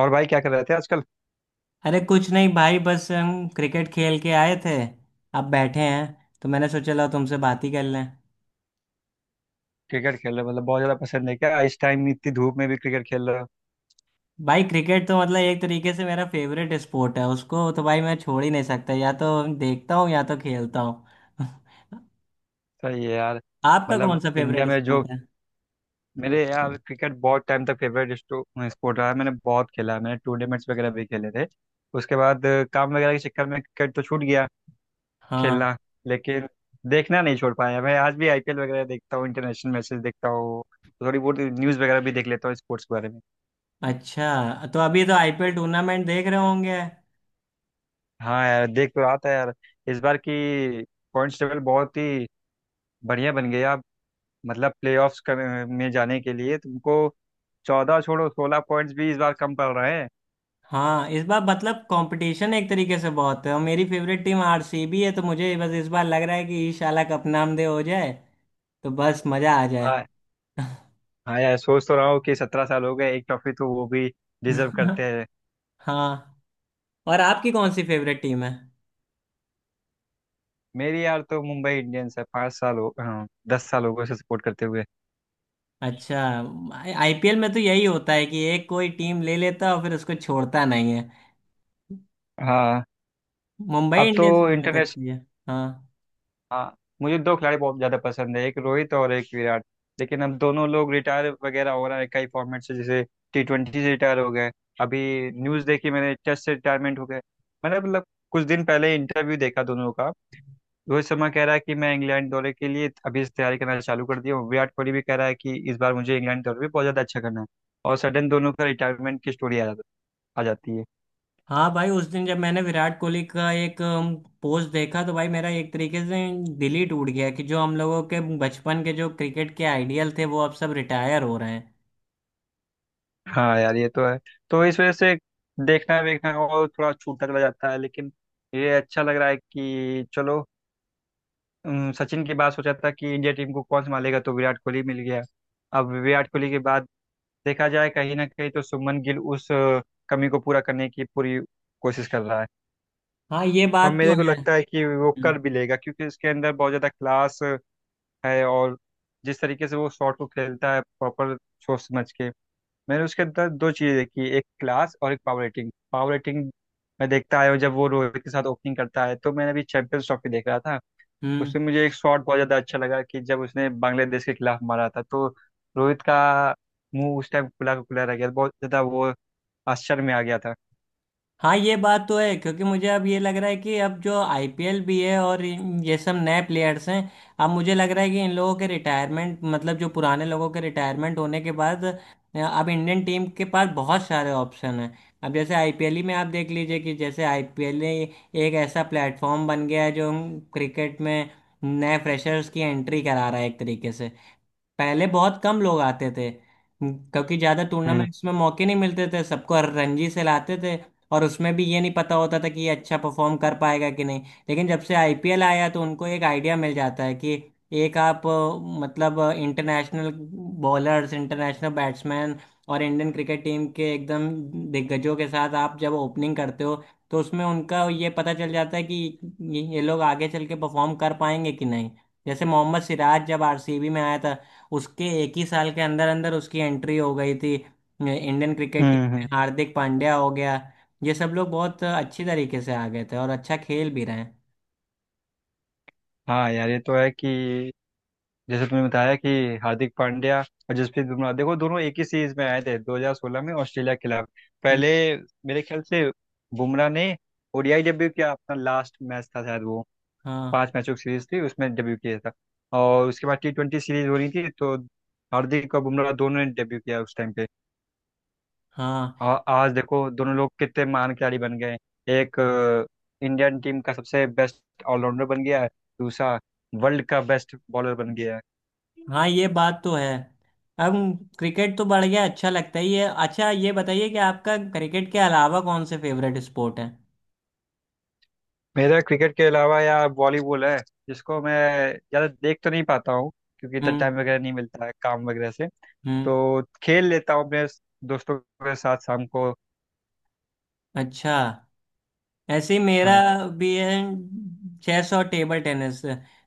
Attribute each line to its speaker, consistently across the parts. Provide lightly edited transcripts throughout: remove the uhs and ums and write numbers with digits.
Speaker 1: और भाई क्या कर रहे थे आजकल।
Speaker 2: अरे कुछ नहीं भाई, बस हम क्रिकेट खेल के आए थे। अब बैठे हैं तो मैंने सोचा लाओ तुमसे बात ही कर लें।
Speaker 1: क्रिकेट खेल रहे हो, मतलब बहुत ज्यादा पसंद है क्या इस टाइम इतनी धूप में भी क्रिकेट खेल रहे हो।
Speaker 2: भाई क्रिकेट तो मतलब एक तरीके से मेरा फेवरेट स्पोर्ट है, उसको तो भाई मैं छोड़ ही नहीं सकता। या तो देखता हूँ या तो खेलता हूँ।
Speaker 1: सही है यार।
Speaker 2: आपका कौन
Speaker 1: मतलब
Speaker 2: सा
Speaker 1: इंडिया
Speaker 2: फेवरेट
Speaker 1: में जो
Speaker 2: स्पोर्ट है?
Speaker 1: मेरे यार क्रिकेट बहुत टाइम तक फेवरेट स्पोर्ट रहा है। मैंने बहुत खेला है, मैंने टूर्नामेंट्स वगैरह भी खेले थे। उसके बाद काम वगैरह के चक्कर में क्रिकेट तो छूट गया
Speaker 2: हाँ।
Speaker 1: खेलना, लेकिन देखना नहीं छोड़ पाया। मैं आज भी आईपीएल वगैरह देखता हूँ, इंटरनेशनल मैचेस देखता हूँ। थोड़ी बहुत न्यूज़ वगैरह भी देख लेता हूँ स्पोर्ट्स के बारे में।
Speaker 2: अच्छा, तो अभी तो आईपीएल टूर्नामेंट देख रहे होंगे?
Speaker 1: हाँ यार, देख तो रहा था यार। इस बार की पॉइंट्स टेबल बहुत ही बढ़िया बन गया। मतलब प्लेऑफ्स कर में जाने के लिए तुमको 14 छोड़ो, 16 पॉइंट्स भी इस बार कम पड़ रहे हैं।
Speaker 2: हाँ, इस बार मतलब कंपटीशन एक तरीके से बहुत है, और मेरी फेवरेट टीम आरसीबी है, तो मुझे बस इस बार लग रहा है कि इंशाल्लाह कप नामदे हो जाए, तो बस मजा आ जाए।
Speaker 1: हाँ। हाँ यार, सोच तो रहा हूँ कि 17 साल हो गए, एक ट्रॉफी तो वो भी डिजर्व करते हैं।
Speaker 2: हाँ। और आपकी कौन सी फेवरेट टीम है?
Speaker 1: मेरी यार तो मुंबई इंडियंस है, 5 साल हो, हाँ 10 साल हो गए उसे सपोर्ट करते हुए।
Speaker 2: अच्छा। आईपीएल में तो यही होता है कि एक कोई टीम ले लेता है और फिर उसको छोड़ता नहीं है।
Speaker 1: हाँ।
Speaker 2: मुंबई
Speaker 1: अब तो
Speaker 2: इंडियंस भी बहुत अच्छी है। हाँ।
Speaker 1: हाँ, मुझे दो खिलाड़ी बहुत ज़्यादा पसंद है, एक रोहित और एक विराट। लेकिन अब दोनों लोग रिटायर वगैरह हो रहा है कई फॉर्मेट से। जैसे T20 से रिटायर हो गए। अभी न्यूज़ देखी मैंने, टेस्ट से रिटायरमेंट हो गए। मैंने मतलब कुछ दिन पहले इंटरव्यू देखा दोनों का। रोहित शर्मा कह रहा है कि मैं इंग्लैंड दौरे के लिए अभी से तैयारी करना चालू कर दिया हूँ। विराट कोहली भी कह रहा है कि इस बार मुझे इंग्लैंड दौरे पे बहुत ज़्यादा अच्छा करना है। और सडन दोनों का रिटायरमेंट की स्टोरी आ जाती है।
Speaker 2: हाँ भाई, उस दिन जब मैंने विराट कोहली का एक पोस्ट देखा तो भाई मेरा एक तरीके से दिल ही टूट गया कि जो हम लोगों के बचपन के जो क्रिकेट के आइडियल थे वो अब सब रिटायर हो रहे हैं।
Speaker 1: हाँ यार, ये तो है। तो इस वजह से देखना देखना और थोड़ा छूटता चला जाता है। लेकिन ये अच्छा लग रहा है कि चलो, सचिन की बात सोचा था कि इंडिया टीम को कौन संभालेगा, तो विराट कोहली मिल गया। अब विराट कोहली के बाद देखा जाए, कहीं ना कहीं तो सुमन गिल उस कमी को पूरा करने की पूरी कोशिश कर रहा है।
Speaker 2: हाँ, ये
Speaker 1: और
Speaker 2: बात तो
Speaker 1: मेरे को
Speaker 2: है।
Speaker 1: लगता है कि वो कर
Speaker 2: हम्म।
Speaker 1: भी लेगा, क्योंकि इसके अंदर बहुत ज़्यादा क्लास है। और जिस तरीके से वो शॉट को खेलता है, प्रॉपर सोच समझ के। मैंने उसके अंदर दो चीज़ें देखी, एक क्लास और एक पावर रेटिंग। पावर रेटिंग मैं देखता आया हूँ जब वो रोहित के साथ ओपनिंग करता है। तो मैंने अभी चैंपियंस ट्रॉफी देख रहा था,
Speaker 2: हम्म।
Speaker 1: उसमें मुझे एक शॉट बहुत ज़्यादा अच्छा लगा कि जब उसने बांग्लादेश के खिलाफ मारा था, तो रोहित का मुंह उस टाइम खुला का खुला रह गया। बहुत ज़्यादा वो आश्चर्य में आ गया था।
Speaker 2: हाँ ये बात तो है, क्योंकि मुझे अब ये लग रहा है कि अब जो आईपीएल भी है और ये सब नए प्लेयर्स हैं। अब मुझे लग रहा है कि इन लोगों के रिटायरमेंट, मतलब जो पुराने लोगों के रिटायरमेंट होने के बाद, अब इंडियन टीम के पास बहुत सारे ऑप्शन हैं। अब जैसे आईपीएल ही में आप देख लीजिए कि जैसे आईपीएल एक ऐसा प्लेटफॉर्म बन गया है जो क्रिकेट में नए फ्रेशर्स की एंट्री करा रहा है एक तरीके से। पहले बहुत कम लोग आते थे, क्योंकि ज़्यादा
Speaker 1: हम्म।
Speaker 2: टूर्नामेंट्स में मौके नहीं मिलते थे, सबको रणजी से लाते थे। और उसमें भी ये नहीं पता होता था कि ये अच्छा परफॉर्म कर पाएगा कि नहीं। लेकिन जब से आईपीएल आया तो उनको एक आइडिया मिल जाता है कि एक आप मतलब इंटरनेशनल बॉलर्स, इंटरनेशनल बैट्समैन और इंडियन क्रिकेट टीम के एकदम दिग्गजों के साथ आप जब ओपनिंग करते हो, तो उसमें उनका ये पता चल जाता है कि ये लोग आगे चल के परफॉर्म कर पाएंगे कि नहीं। जैसे मोहम्मद सिराज जब आरसीबी में आया था, उसके एक ही साल के अंदर अंदर उसकी एंट्री हो गई थी Indian cricket
Speaker 1: hmm.
Speaker 2: Team
Speaker 1: hmm.
Speaker 2: में। हार्दिक पांड्या हो गया, ये सब लोग बहुत अच्छी तरीके से आ गए थे और अच्छा खेल भी रहे हैं।
Speaker 1: हाँ यार, ये तो है कि जैसे तुमने बताया कि हार्दिक पांड्या और जसप्रीत बुमराह, देखो दोनों एक ही सीरीज में आए थे 2016 में ऑस्ट्रेलिया के खिलाफ।
Speaker 2: हम्म।
Speaker 1: पहले मेरे ख्याल से बुमराह ने ओडीआई डेब्यू किया, अपना लास्ट मैच था शायद वो।
Speaker 2: हाँ।
Speaker 1: 5 मैचों की सीरीज थी, उसमें डेब्यू किया था। और उसके बाद T20 सीरीज हो रही थी, तो हार्दिक और बुमराह दोनों ने डेब्यू किया उस टाइम पे।
Speaker 2: हाँ।
Speaker 1: और आज देखो दोनों लोग कितने महान खिलाड़ी बन गए। एक इंडियन टीम का सबसे बेस्ट ऑलराउंडर बन गया है, दूसरा वर्ल्ड का बेस्ट बॉलर बन गया है।
Speaker 2: हाँ ये बात तो है। अब क्रिकेट तो बढ़ गया, अच्छा लगता है ये। अच्छा, ये बताइए कि आपका क्रिकेट के अलावा कौन से फेवरेट स्पोर्ट हैं?
Speaker 1: मेरा क्रिकेट के अलावा यार वॉलीबॉल है, जिसको मैं ज़्यादा देख तो नहीं पाता हूँ, क्योंकि इतना
Speaker 2: हम्म।
Speaker 1: टाइम वगैरह नहीं मिलता है काम वगैरह से।
Speaker 2: हम्म।
Speaker 1: तो खेल लेता हूँ अपने दोस्तों के साथ शाम को।
Speaker 2: अच्छा, ऐसे ही मेरा
Speaker 1: हाँ।
Speaker 2: भी है। चेस और टेबल टेनिस।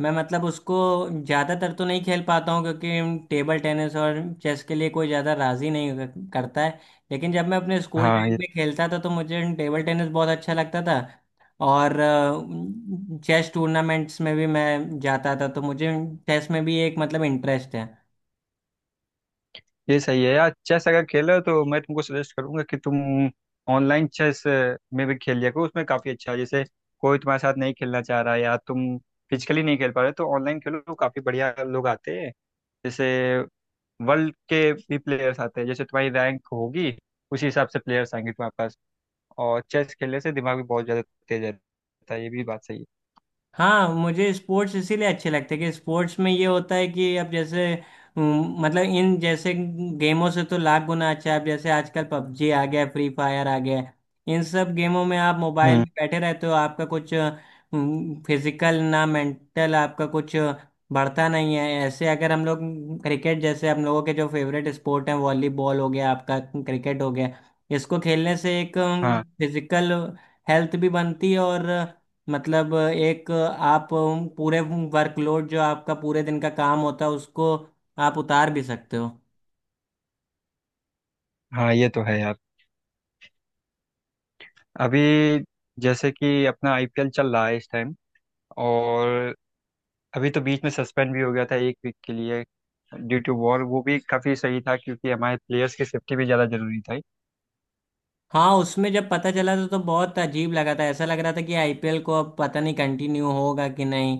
Speaker 2: मैं मतलब उसको ज़्यादातर तो नहीं खेल पाता हूँ क्योंकि टेबल टेनिस और चेस के लिए कोई ज़्यादा राज़ी नहीं करता है। लेकिन जब मैं अपने स्कूल
Speaker 1: हाँ,
Speaker 2: टाइम
Speaker 1: ये
Speaker 2: में खेलता था तो मुझे टेबल टेनिस बहुत अच्छा लगता था। और चेस टूर्नामेंट्स में भी मैं जाता था, तो मुझे चेस में भी एक मतलब इंटरेस्ट है।
Speaker 1: ये सही है यार। चेस अगर खेल रहे हो तो मैं तुमको सजेस्ट करूंगा कि तुम ऑनलाइन चेस में भी खेल लिया करो, उसमें काफ़ी अच्छा है। जैसे कोई तुम्हारे साथ नहीं खेलना चाह रहा है या तुम फिजिकली नहीं खेल पा रहे, तो ऑनलाइन खेलो तो काफ़ी बढ़िया लोग आते हैं। जैसे वर्ल्ड के भी प्लेयर्स आते हैं, जैसे तुम्हारी रैंक होगी उसी हिसाब से प्लेयर्स आएंगे तुम्हारे पास। और चेस खेलने से दिमाग भी बहुत ज्यादा तेज रहता है, ये भी बात सही है।
Speaker 2: हाँ, मुझे स्पोर्ट्स इसीलिए अच्छे लगते हैं कि स्पोर्ट्स में ये होता है कि अब जैसे मतलब इन जैसे गेमों से तो लाख गुना अच्छा है। अब जैसे आजकल पबजी आ गया, फ्री फायर आ गया है। इन सब गेमों में आप मोबाइल
Speaker 1: हम्म।
Speaker 2: में बैठे रहते हो, आपका कुछ फिजिकल ना मेंटल, आपका कुछ बढ़ता नहीं है। ऐसे अगर हम लोग क्रिकेट जैसे, हम लोगों के जो फेवरेट स्पोर्ट हैं, वॉलीबॉल हो गया, आपका क्रिकेट हो गया, इसको खेलने से एक
Speaker 1: हाँ।
Speaker 2: फिजिकल हेल्थ भी बनती है, और मतलब एक आप पूरे वर्कलोड, जो आपका पूरे दिन का काम होता है, उसको आप उतार भी सकते हो।
Speaker 1: हाँ ये तो है यार। अभी जैसे कि अपना आईपीएल चल रहा है इस टाइम, और अभी तो बीच में सस्पेंड भी हो गया था एक वीक के लिए, ड्यू टू वॉर। वो भी काफ़ी सही था, क्योंकि हमारे प्लेयर्स की सेफ्टी भी ज़्यादा जरूरी था।
Speaker 2: हाँ, उसमें जब पता चला था तो बहुत अजीब लगा था, ऐसा लग रहा था कि आईपीएल को अब पता नहीं कंटिन्यू होगा कि नहीं,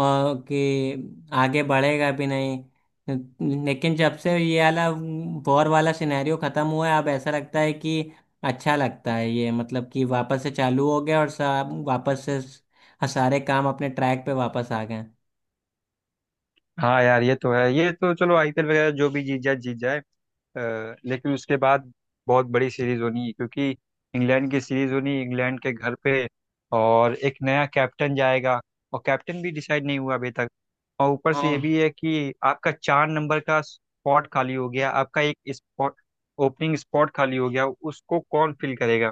Speaker 2: और कि आगे बढ़ेगा भी नहीं। लेकिन जब से ये वाला वॉर वाला सिनेरियो ख़त्म हुआ है, अब ऐसा लगता है कि अच्छा लगता है ये, मतलब कि वापस से चालू हो गया और सब वापस से सारे काम अपने ट्रैक पे वापस आ गए।
Speaker 1: हाँ यार ये तो है, ये तो चलो आईपीएल वगैरह जो भी जीत जाए जीत जाए। लेकिन उसके बाद बहुत बड़ी सीरीज होनी है, क्योंकि इंग्लैंड की सीरीज होनी, इंग्लैंड के घर पे। और एक नया कैप्टन जाएगा, और कैप्टन भी डिसाइड नहीं हुआ अभी तक। और ऊपर से ये
Speaker 2: हाँ।
Speaker 1: भी है कि आपका 4 नंबर का स्पॉट खाली हो गया, आपका एक स्पॉट ओपनिंग स्पॉट खाली हो गया, उसको कौन फिल करेगा।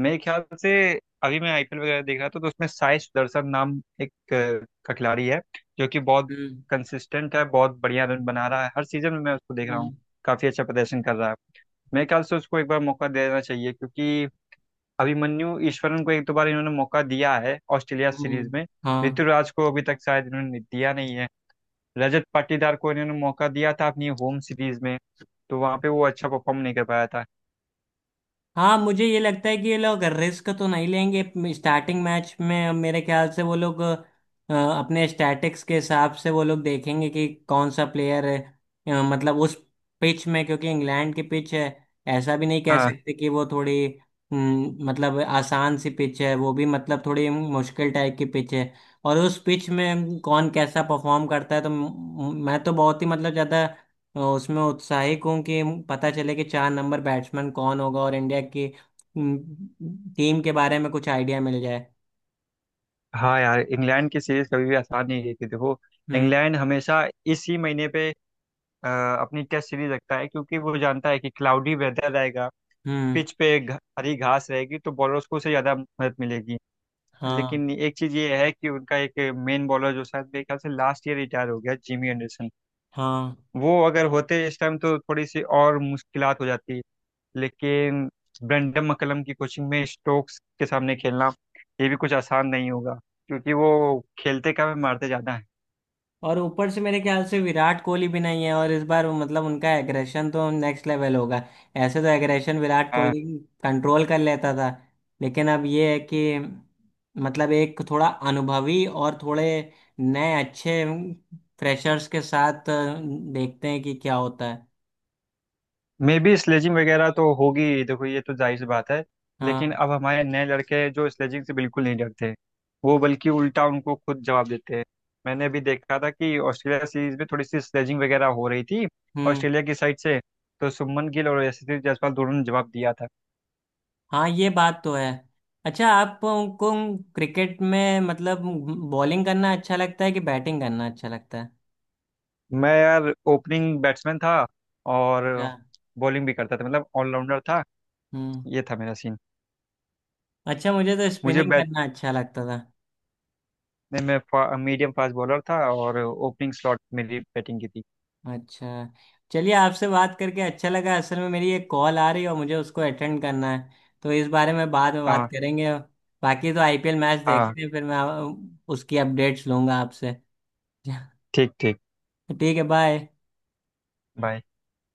Speaker 1: मेरे ख्याल से अभी मैं आईपीएल वगैरह देख रहा था, तो उसमें साई सुदर्शन नाम एक का खिलाड़ी है, जो कि बहुत
Speaker 2: हम्म।
Speaker 1: कंसिस्टेंट है, बहुत बढ़िया रन बना रहा है हर सीजन में। मैं उसको देख रहा हूँ,
Speaker 2: हम्म।
Speaker 1: काफी अच्छा प्रदर्शन कर रहा है। मेरे ख्याल से उसको एक बार मौका देना चाहिए, क्योंकि अभिमन्यु ईश्वरन को एक दो बार इन्होंने मौका दिया है ऑस्ट्रेलिया सीरीज
Speaker 2: हम्म।
Speaker 1: में।
Speaker 2: हाँ।
Speaker 1: ऋतुराज को अभी तक शायद इन्होंने दिया नहीं है। रजत पाटीदार को इन्होंने मौका दिया था अपनी होम सीरीज में, तो वहां पे वो अच्छा परफॉर्म नहीं कर पाया था।
Speaker 2: हाँ मुझे ये लगता है कि ये लोग रिस्क तो नहीं लेंगे। स्टार्टिंग मैच में मेरे ख्याल से वो लोग अपने स्टैटिक्स के हिसाब से वो लोग देखेंगे कि कौन सा प्लेयर है, मतलब उस पिच में, क्योंकि इंग्लैंड की पिच है, ऐसा भी नहीं कह
Speaker 1: हाँ।
Speaker 2: सकते कि वो थोड़ी मतलब आसान सी पिच है, वो भी मतलब थोड़ी मुश्किल टाइप की पिच है। और उस पिच में कौन कैसा परफॉर्म करता है, तो मैं तो बहुत ही मतलब ज़्यादा, तो उसमें उत्साहित हूँ कि पता चले कि 4 नंबर बैट्समैन कौन होगा और इंडिया की टीम के बारे में कुछ आइडिया मिल जाए।
Speaker 1: हाँ यार, इंग्लैंड की सीरीज कभी भी आसान नहीं रहती, देखो।
Speaker 2: हम्म।
Speaker 1: इंग्लैंड हमेशा इसी महीने पे अ, अपनी टेस्ट सीरीज रखता है, क्योंकि वो जानता है कि क्लाउडी वेदर रहेगा,
Speaker 2: हम्म।
Speaker 1: पिच पे हरी घास रहेगी, तो बॉलर्स को उसे ज़्यादा मदद मिलेगी।
Speaker 2: हाँ।
Speaker 1: लेकिन एक चीज़ ये है कि उनका एक मेन बॉलर, जो शायद मेरे ख्याल से लास्ट ईयर रिटायर हो गया, जिमी एंडरसन,
Speaker 2: हाँ,
Speaker 1: वो अगर होते इस टाइम तो थोड़ी सी और मुश्किलात हो जाती। लेकिन ब्रेंडन मक्कलम की कोचिंग में स्टोक्स के सामने खेलना, ये भी कुछ आसान नहीं होगा, क्योंकि वो खेलते कम है मारते ज़्यादा
Speaker 2: और ऊपर से मेरे ख्याल से विराट कोहली भी नहीं है, और इस बार मतलब उनका एग्रेशन तो नेक्स्ट लेवल होगा। ऐसे तो एग्रेशन विराट
Speaker 1: हैं।
Speaker 2: कोहली कंट्रोल कर लेता था, लेकिन अब ये है कि मतलब एक थोड़ा अनुभवी और थोड़े नए अच्छे फ्रेशर्स के साथ देखते हैं कि क्या होता है।
Speaker 1: मे बी स्लेजिंग वगैरह तो होगी ही, देखो ये तो जाहिर सी बात है। लेकिन
Speaker 2: हाँ।
Speaker 1: अब हमारे नए लड़के हैं जो स्लेजिंग से बिल्कुल नहीं डरते, वो बल्कि उल्टा उनको खुद जवाब देते हैं। मैंने अभी देखा था कि ऑस्ट्रेलिया सीरीज में थोड़ी सी स्लेजिंग वगैरह हो रही थी
Speaker 2: हम्म।
Speaker 1: ऑस्ट्रेलिया की साइड से, तो शुभमन गिल और यशस्वी जायसवाल दोनों ने जवाब दिया था।
Speaker 2: हाँ ये बात तो है। अच्छा, आपको क्रिकेट में मतलब बॉलिंग करना अच्छा लगता है कि बैटिंग करना अच्छा लगता है?
Speaker 1: मैं यार ओपनिंग बैट्समैन था, और
Speaker 2: अच्छा।
Speaker 1: बॉलिंग भी करता था, मतलब ऑलराउंडर था।
Speaker 2: हम्म।
Speaker 1: ये था मेरा सीन।
Speaker 2: अच्छा, मुझे तो
Speaker 1: मुझे
Speaker 2: स्पिनिंग
Speaker 1: बैटने
Speaker 2: करना अच्छा लगता था।
Speaker 1: में मीडियम फास्ट बॉलर था और ओपनिंग स्लॉट मेरी बैटिंग की थी।
Speaker 2: अच्छा, चलिए, आपसे बात करके अच्छा लगा। असल में मेरी एक कॉल आ रही है और मुझे उसको अटेंड करना है, तो इस बारे में बाद में बात
Speaker 1: हाँ।
Speaker 2: करेंगे। बाकी तो आईपीएल मैच
Speaker 1: हाँ।
Speaker 2: देखते हैं, फिर मैं उसकी अपडेट्स लूंगा आपसे।
Speaker 1: ठीक ठीक।
Speaker 2: ठीक है, बाय।
Speaker 1: बाय।